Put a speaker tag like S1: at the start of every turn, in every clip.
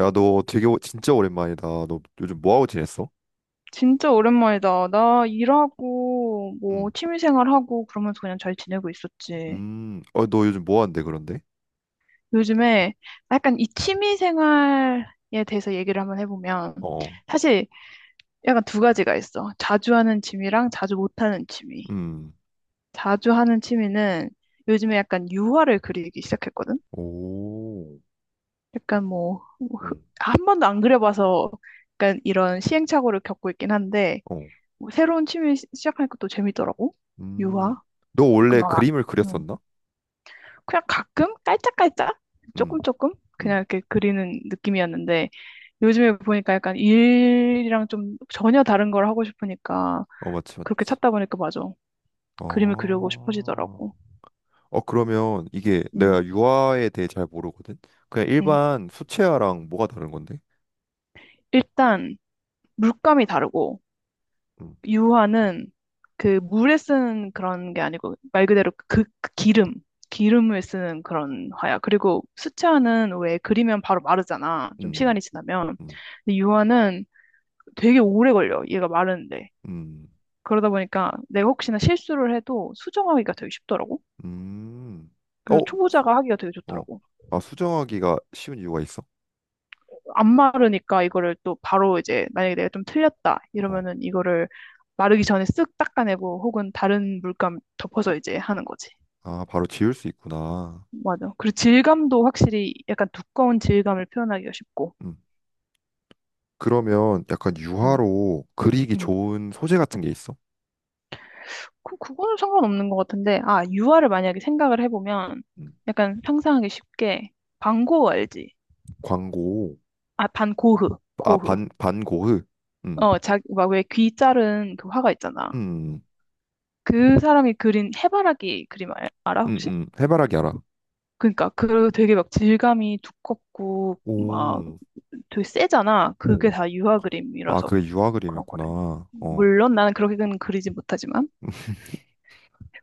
S1: 야, 너 되게 진짜 오랜만이다. 너 요즘 뭐하고 지냈어?
S2: 진짜 오랜만이다. 나 일하고, 뭐,
S1: 음,
S2: 취미생활하고, 그러면서 그냥 잘 지내고 있었지.
S1: 어, 너 요즘 뭐한데 그런데?
S2: 요즘에 약간 이 취미생활에 대해서 얘기를 한번 해보면,
S1: 어,
S2: 사실 약간 두 가지가 있어. 자주 하는 취미랑 자주 못하는 취미.
S1: 음,
S2: 자주 하는 취미는 요즘에 약간 유화를 그리기 시작했거든?
S1: 오,
S2: 약간 뭐
S1: 음,
S2: 한 번도 안 그려봐서 약간 이런 시행착오를 겪고 있긴 한데,
S1: 어,
S2: 뭐 새로운 취미 시작하니까 또 재밌더라고.
S1: 음.
S2: 유화?
S1: 너
S2: 약간
S1: 원래
S2: 막,
S1: 그림을
S2: 음.
S1: 그렸었나?
S2: 그냥 가끔 깔짝깔짝
S1: 음,
S2: 조금 조금 그냥
S1: 음,
S2: 이렇게 그리는 느낌이었는데 요즘에 보니까 약간 일이랑 좀 전혀 다른 걸 하고 싶으니까
S1: 어, 맞지,
S2: 그렇게
S1: 맞지.
S2: 찾다 보니까 맞아. 그림을 그리고
S1: 어,
S2: 싶어지더라고.
S1: 어, 그러면 이게
S2: 음,
S1: 내가 유화에 대해 잘 모르거든? 그냥
S2: 음.
S1: 일반 수채화랑 뭐가 다른 건데?
S2: 일단 물감이 다르고
S1: 음,
S2: 유화는 그 물에 쓰는 그런 게 아니고 말 그대로 그 기름을 쓰는 그런 화야. 그리고 수채화는 왜 그리면 바로 마르잖아. 좀
S1: 음,
S2: 시간이 지나면.
S1: 음,
S2: 근데 유화는 되게 오래 걸려. 얘가 마르는데.
S1: 음,
S2: 그러다 보니까 내가 혹시나 실수를 해도 수정하기가 되게 쉽더라고.
S1: 음. 어,
S2: 그래서
S1: 수,
S2: 초보자가 하기가 되게
S1: 어,
S2: 좋더라고.
S1: 아, 수정하기가 쉬운 이유가 있어?
S2: 안 마르니까 이거를 또 바로 이제 만약에 내가 좀 틀렸다
S1: 어.
S2: 이러면은 이거를 마르기 전에 쓱 닦아내고 혹은 다른 물감 덮어서 이제 하는 거지.
S1: 아, 바로 지울 수 있구나.
S2: 맞아. 그리고 질감도 확실히 약간 두꺼운 질감을 표현하기가 쉽고.
S1: 음. 그러면 약간
S2: 음,
S1: 유화로 그리기
S2: 음.
S1: 좋은 소재 같은 게 있어?
S2: 그, 그거는 상관없는 것 같은데, 아, 유화를 만약에 생각을 해보면
S1: 음.
S2: 약간 상상하기 쉽게 반고흐 알지?
S1: 광고,
S2: 아, 반고흐.
S1: 아,
S2: 고흐.
S1: 반고흐. 음,
S2: 어, 자, 막왜 귀 자른 그 화가 있잖아.
S1: 음,
S2: 그 사람이 그린 해바라기 그림 알아, 혹시?
S1: 해바라기 알아.
S2: 그러니까 그 되게 막 질감이 두껍고 막
S1: 오,
S2: 되게 세잖아. 그게
S1: 오.
S2: 다 유화
S1: 아,
S2: 그림이라서
S1: 그게 유화
S2: 그런 거래.
S1: 그림이었구나. 어,
S2: 물론 나는 그렇게는 그리지 못하지만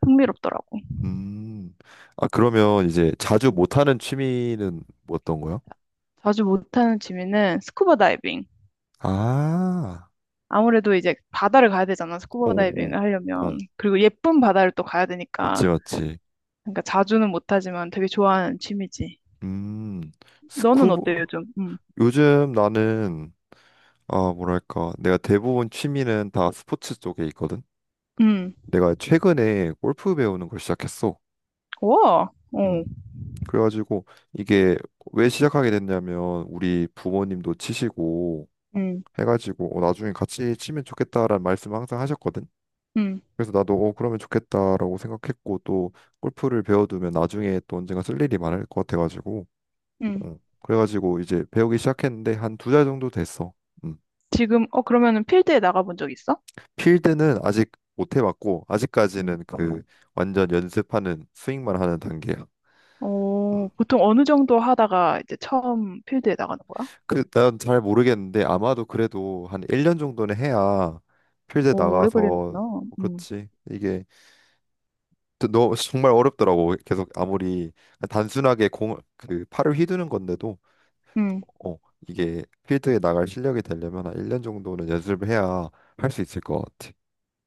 S2: 흥미롭더라고.
S1: 음. 아, 그러면 이제 자주
S2: 음.
S1: 못하는 취미는 뭐 어떤 거야?
S2: 자주 못하는 취미는 스쿠버 다이빙.
S1: 아,
S2: 아무래도 이제 바다를 가야 되잖아,
S1: 오,
S2: 스쿠버 다이빙을
S1: 오,
S2: 하려면.
S1: 오.
S2: 그리고 예쁜 바다를 또 가야
S1: 맞지,
S2: 되니까.
S1: 맞지.
S2: 그러니까 자주는 못하지만 되게 좋아하는 취미지.
S1: 음,
S2: 너는
S1: 스쿠버,
S2: 어때, 요즘? 음.
S1: 요즘 나는 아, 뭐랄까, 내가 대부분 취미는 다 스포츠 쪽에 있거든.
S2: 음.
S1: 내가 최근에 골프 배우는 걸 시작했어.
S2: 와, 어,
S1: 음. 그래가지고 이게 왜 시작하게 됐냐면 우리 부모님도 치시고
S2: 음,
S1: 해가지고 어, 나중에 같이 치면 좋겠다라는 말씀을 항상 하셨거든.
S2: 음,
S1: 그래서 나도 어, 그러면 좋겠다라고 생각했고 또 골프를 배워두면 나중에 또 언젠가 쓸 일이 많을 것 같아가지고
S2: 음.
S1: 어, 그래가지고 이제 배우기 시작했는데 한 두 달 정도 됐어. 음.
S2: 지금, 어, 그러면은 필드에 나가본 적 있어?
S1: 필드는 아직 못 해봤고
S2: 음.
S1: 아직까지는 그 어. 완전 연습하는 스윙만 하는 단계야.
S2: 어,
S1: 음.
S2: 보통 어느 정도 하다가 이제 처음 필드에 나가는 거야?
S1: 그난 잘 모르겠는데 아마도 그래도 한 1년 정도는 해야 필드
S2: 오, 오래
S1: 나가서
S2: 걸리는구나.
S1: 뭐
S2: 음,
S1: 그렇지. 이게 또 너, 정말 어렵더라고. 계속 아무리 단순하게 공, 그 팔을 휘두는 건데도
S2: 음.
S1: 어, 이게 필드에 나갈 실력이 되려면 한 1년 정도는 연습을 해야 할 수 있을 것 같아.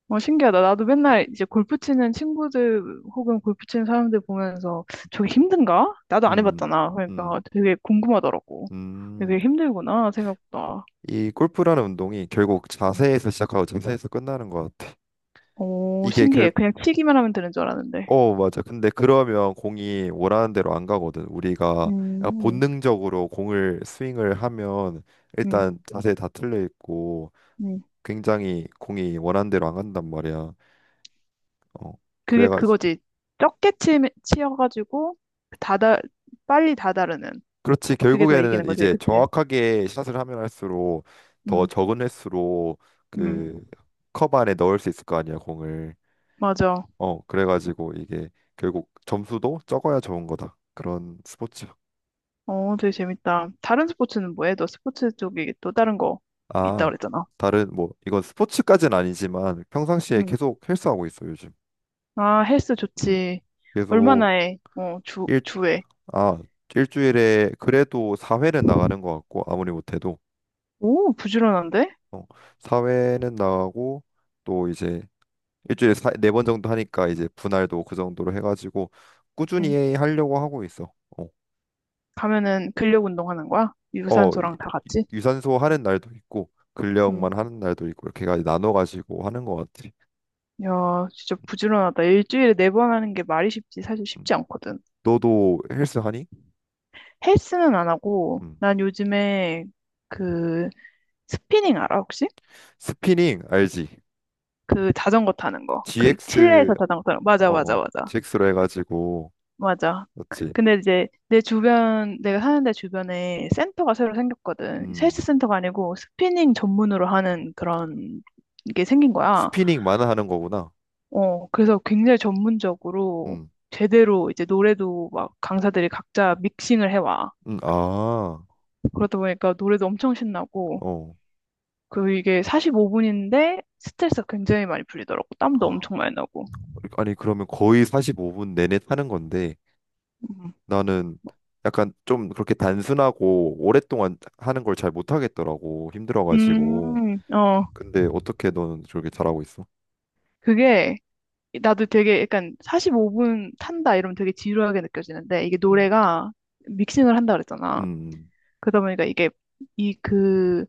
S2: 어, 신기하다. 나도 맨날 이제 골프 치는 친구들 혹은 골프 치는 사람들 보면서 저게 힘든가? 나도 안
S1: 음.
S2: 해봤잖아.
S1: 음.
S2: 그러니까 되게 궁금하더라고.
S1: 음.
S2: 되게 힘들구나, 생각보다.
S1: 이 골프라는 운동이 결국
S2: 음.
S1: 자세에서 시작하고 자세에서 끝나는 것 같아.
S2: 오,
S1: 이게 결,
S2: 신기해. 그냥 치기만 하면 되는 줄 알았는데.
S1: 어, 맞아. 근데 그러면 공이 원하는 대로 안 가거든. 우리가 약간
S2: 음,
S1: 본능적으로 공을 스윙을 하면
S2: 음,
S1: 일단 자세 다 틀려 있고
S2: 음.
S1: 굉장히 공이 원하는 대로 안 간단 말이야. 어,
S2: 그게
S1: 그래가지고
S2: 그거지. 적게 치여가지고, 다다, 빨리 다다르는.
S1: 그렇지.
S2: 그게 더
S1: 결국에는
S2: 이기는 거지,
S1: 이제
S2: 그치?
S1: 정확하게 샷을 하면 할수록 더
S2: 음,
S1: 적은 횟수로
S2: 음,
S1: 그 컵 안에 넣을 수 있을 거 아니야, 공을.
S2: 맞아.
S1: 어, 그래가지고 이게 결국 점수도 적어야 좋은 거다. 그런 스포츠.
S2: 어, 되게 재밌다. 다른 스포츠는 뭐해? 너 스포츠 쪽에 또 다른 거 있다
S1: 아,
S2: 그랬잖아.
S1: 다른 뭐 이건 스포츠까지는 아니지만 평상시에
S2: 음.
S1: 계속 헬스하고 있어, 요즘.
S2: 아, 헬스
S1: 음.
S2: 좋지. 얼마나
S1: 계속
S2: 해? 어, 주,
S1: 일,
S2: 주에.
S1: 아, 일주일에 그래도 4회는 나가는 것 같고 아무리 못해도
S2: 오, 부지런한데?
S1: 어, 4회는 나가고 또 이제 일주일에 사 4번 정도 하니까 이제 분할도 그 정도로 해가지고
S2: 음.
S1: 꾸준히 하려고 하고 있어. 어,
S2: 가면은 근력 운동하는 거야?
S1: 어,
S2: 유산소랑 다 같이?
S1: 유산소 하는 날도 있고
S2: 음.
S1: 근력만 하는 날도 있고 이렇게까지 나눠 가지고 하는 것 같아.
S2: 야, 진짜 부지런하다. 일주일에 4번 하는 게 말이 쉽지, 사실
S1: 음.
S2: 쉽지 않거든.
S1: 너도 헬스 하니?
S2: 헬스는 안 하고,
S1: 음.
S2: 난 요즘에 그 스피닝 알아, 혹시?
S1: 스피닝 알지?
S2: 그 자전거 타는 거. 그
S1: GX,
S2: 실내에서 자전거 타는 거. 맞아,
S1: 어,
S2: 맞아,
S1: 어.
S2: 맞아.
S1: x 로 해 가지고
S2: 맞아.
S1: 맞지?
S2: 근데 이제 내 주변, 내가 사는 데 주변에 센터가 새로 생겼거든.
S1: 음.
S2: 헬스 센터가 아니고 스피닝 전문으로 하는 그런 게 생긴 거야.
S1: 스피닝만 하는 거구나.
S2: 어, 그래서 굉장히 전문적으로
S1: 음.
S2: 제대로 이제 노래도 막 강사들이 각자 믹싱을 해와.
S1: 음. 아.
S2: 그러다 보니까 노래도 엄청 신나고,
S1: 어.
S2: 그 이게 45분인데 스트레스가 굉장히 많이 풀리더라고. 땀도 엄청 많이 나고.
S1: 아니, 그러면 거의 45분 내내 타는 건데
S2: 음,
S1: 나는 약간 좀 그렇게 단순하고 오랫동안 하는 걸 잘 못 하겠더라고. 힘들어 가지고.
S2: 어,
S1: 근데 어떻게 너는 저렇게 잘하고 있어?
S2: 그게 나도 되게 약간 45분 탄다 이러면 되게 지루하게 느껴지는데 이게
S1: 음,
S2: 노래가 믹싱을 한다 그랬잖아.
S1: 음,
S2: 그러다 보니까 이게 이그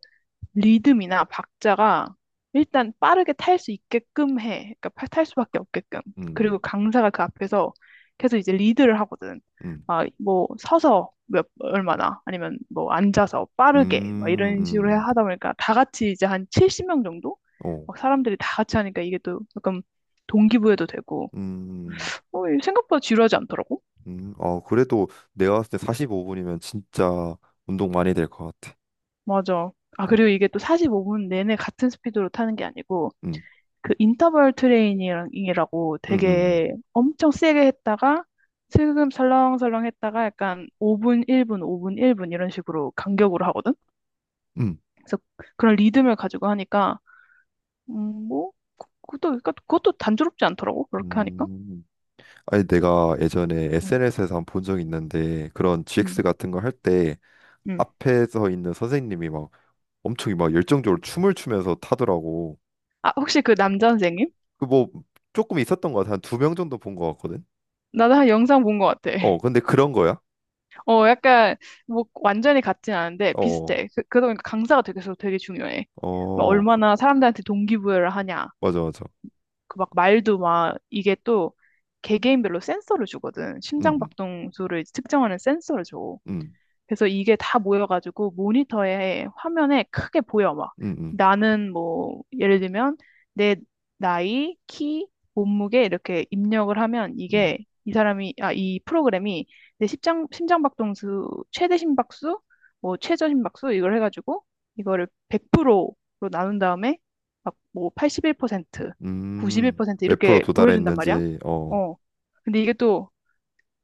S2: 리듬이나 박자가 일단 빠르게 탈 수 있게끔 해. 그러니까 탈 수밖에 없게끔. 그리고
S1: 음,
S2: 강사가 그 앞에서 계속 이제 리드를 하거든.
S1: 음,
S2: 막 뭐 서서 몇 얼마나 아니면 뭐 앉아서
S1: 음,
S2: 빠르게 막
S1: 음,
S2: 이런 식으로
S1: 음.
S2: 하다 보니까 다 같이 이제 한 70명 정도
S1: 어,
S2: 막 사람들이 다 같이 하니까 이게 또 약간 동기부여도 되고
S1: 음,
S2: 어, 이게 생각보다 지루하지 않더라고.
S1: 아, 그래도 내가 봤을 때 45분이면 진짜 운동 많이 될 것 같아.
S2: 맞아. 아,
S1: 어,
S2: 그리고 이게 또 45분 내내 같은 스피드로 타는 게 아니고
S1: 음,
S2: 그 인터벌 트레이닝이라고
S1: 음, 음,
S2: 되게 엄청 세게 했다가 슬금 설렁설렁 했다가 약간 5분, 1분, 5분, 1분 이런 식으로 간격으로 하거든.
S1: 음.
S2: 그래서 그런 리듬을 가지고 하니까 뭐 그것도 그러니까 그것도 단조롭지 않더라고.
S1: 음.
S2: 그렇게 하니까.
S1: 음. 아니, 내가 예전에
S2: 음,
S1: SNS에서 한 본 적 있는데 그런
S2: 음,
S1: GX 같은 거 할 때
S2: 음.
S1: 앞에서 있는 선생님이 막 엄청 막 열정적으로 춤을 추면서 타더라고.
S2: 아, 혹시 그 남자 선생님?
S1: 그 뭐 조금 있었던 것 같아. 한 두 명 정도 본 것 같거든.
S2: 나도 한 영상 본 것 같아.
S1: 어, 근데 그런 거야?
S2: 어, 약간 뭐 완전히 같진 않은데
S1: 어,
S2: 비슷해. 그, 그러다 보니까 강사가 되게 되게 중요해. 막
S1: 어,
S2: 얼마나 사람들한테 동기부여를 하냐.
S1: 맞아, 맞아.
S2: 그 막 말도 막 이게 또 개개인별로 센서를 주거든. 심장
S1: 음,
S2: 박동수를 측정하는 센서를 줘.
S1: 음,
S2: 그래서 이게 다 모여가지고 모니터에 화면에 크게 보여 막
S1: 음, 음,
S2: 나는 뭐 예를 들면 내 나이, 키, 몸무게 이렇게 입력을 하면
S1: 음,
S2: 이게 이 사람이 아 이 프로그램이 내 심장박동수 최대 심박수 뭐 최저 심박수 이걸 해가지고 이거를 100%로 나눈 다음에 막 뭐 81%,
S1: 음,
S2: 91%
S1: 몇 프로
S2: 이렇게 보여준단 말이야.
S1: 도달했는지, 어,
S2: 어. 근데 이게 또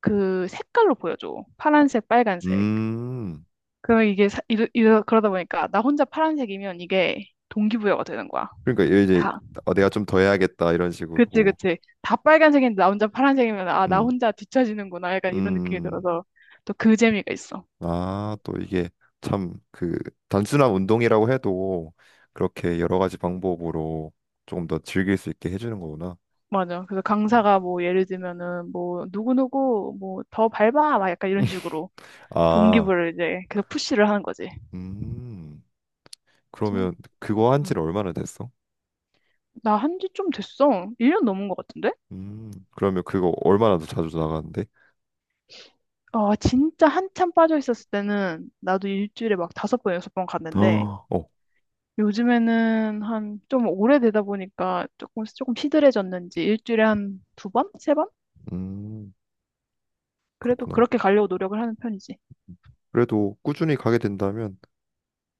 S2: 그 색깔로 보여줘. 파란색, 빨간색.
S1: 음,
S2: 그 이게 그러다 보니까 나 혼자 파란색이면 이게 동기부여가 되는 거야.
S1: 그러니까 이제
S2: 다.
S1: 어, 내가 좀 더 해야겠다 이런
S2: 그치,
S1: 식으로,
S2: 그치. 다 빨간색인데 나 혼자 파란색이면 아, 나
S1: 음,
S2: 혼자 뒤처지는구나. 약간 이런 느낌이
S1: 음,
S2: 들어서 또 그 재미가 있어.
S1: 아, 또 이게 참 그 단순한 운동이라고 해도 그렇게 여러 가지 방법으로 조금 더 즐길 수 있게 해주는 거구나.
S2: 맞아. 그래서
S1: 음.
S2: 강사가 뭐 예를 들면은 뭐 누구누구 뭐 더 밟아. 막 약간 이런 식으로
S1: 아,
S2: 동기부여를 이제 계속 푸시를 하는 거지.
S1: 음,
S2: 그래서
S1: 그러면 그거 한
S2: 음,
S1: 지는 얼마나 됐어?
S2: 나 한지 좀 됐어. 1년 넘은 것 같은데?
S1: 그러면 그거 얼마나 더 자주 나가는데?
S2: 아, 진짜 한참 빠져 있었을 때는 나도 일주일에 막 5번, 6번 갔는데
S1: 어, 어,
S2: 요즘에는 한 좀 오래되다 보니까 조금 조금 시들해졌는지 일주일에 한 2번? 3번?
S1: 음,
S2: 그래도
S1: 그렇구나.
S2: 그렇게 가려고 노력을 하는 편이지.
S1: 그래도 꾸준히 가게 된다면,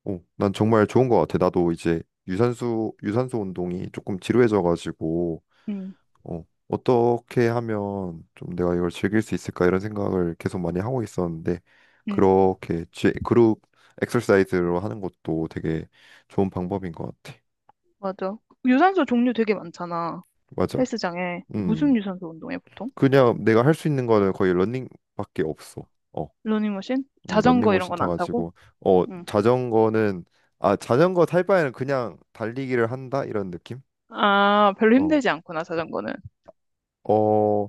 S1: 어, 난 정말 좋은 것 같아. 나도 이제 유산소, 유산소 운동이 조금 지루해져가지고,
S2: 응,
S1: 어, 어떻게 하면 좀 내가 이걸 즐길 수 있을까 이런 생각을 계속 많이 하고 있었는데,
S2: 응,
S1: 그렇게 그룹 엑서사이즈로 하는 것도 되게 좋은 방법인 것 같아.
S2: 맞아. 유산소 종류 되게 많잖아.
S1: 맞아.
S2: 헬스장에. 무슨
S1: 음,
S2: 유산소 운동해, 보통?
S1: 그냥 내가 할 수 있는 거는 거의 러닝밖에 없어. 어.
S2: 러닝머신? 자전거 이런
S1: 런닝머신
S2: 건 안 타고?
S1: 타가지고 어,
S2: 응.
S1: 자전거는 아, 자전거 탈 바에는 그냥 달리기를 한다, 이런 느낌?
S2: 아, 별로
S1: 어,
S2: 힘들지 않구나, 자전거는.
S1: 어,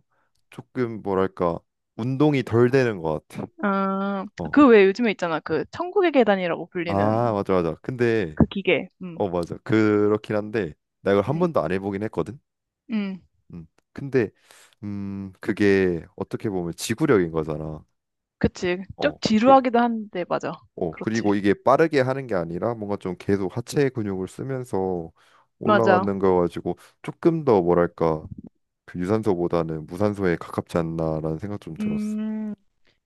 S1: 조금 뭐랄까 운동이 덜 되는 것 같아.
S2: 아,
S1: 어,
S2: 그 외에 요즘에 있잖아. 그 천국의 계단이라고
S1: 아
S2: 불리는
S1: 맞아 맞아. 근데
S2: 그 기계. 응,
S1: 어, 맞아, 그렇긴 한데 나 이걸 한
S2: 응,
S1: 번도 안 해보긴 했거든.
S2: 응.
S1: 음, 근데 음, 그게 어떻게 보면 지구력인 거잖아.
S2: 그치. 좀
S1: 어, 그
S2: 지루하기도 한데, 맞아.
S1: 어,
S2: 그렇지.
S1: 그리고 이게 빠르게 하는 게 아니라 뭔가 좀 계속 하체 근육을 쓰면서
S2: 맞아.
S1: 올라가는 거 가지고 조금 더 뭐랄까 그 유산소보다는 무산소에 가깝지 않나라는 생각 좀 들었어.
S2: 음,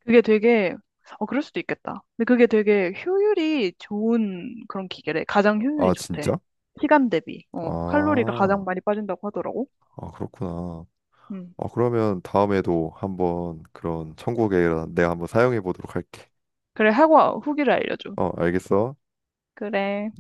S2: 그게 되게, 어, 그럴 수도 있겠다. 근데 그게 되게 효율이 좋은 그런 기계래. 가장 효율이
S1: 아,
S2: 좋대.
S1: 진짜?
S2: 시간 대비. 어, 칼로리가 가장
S1: 아,
S2: 많이 빠진다고 하더라고.
S1: 아 그렇구나.
S2: 음.
S1: 아, 그러면 다음에도 한번 그런 천국의 내가 한번 사용해 보도록 할게.
S2: 그래, 하고 후기를 알려줘.
S1: 어, 알겠어.
S2: 그래.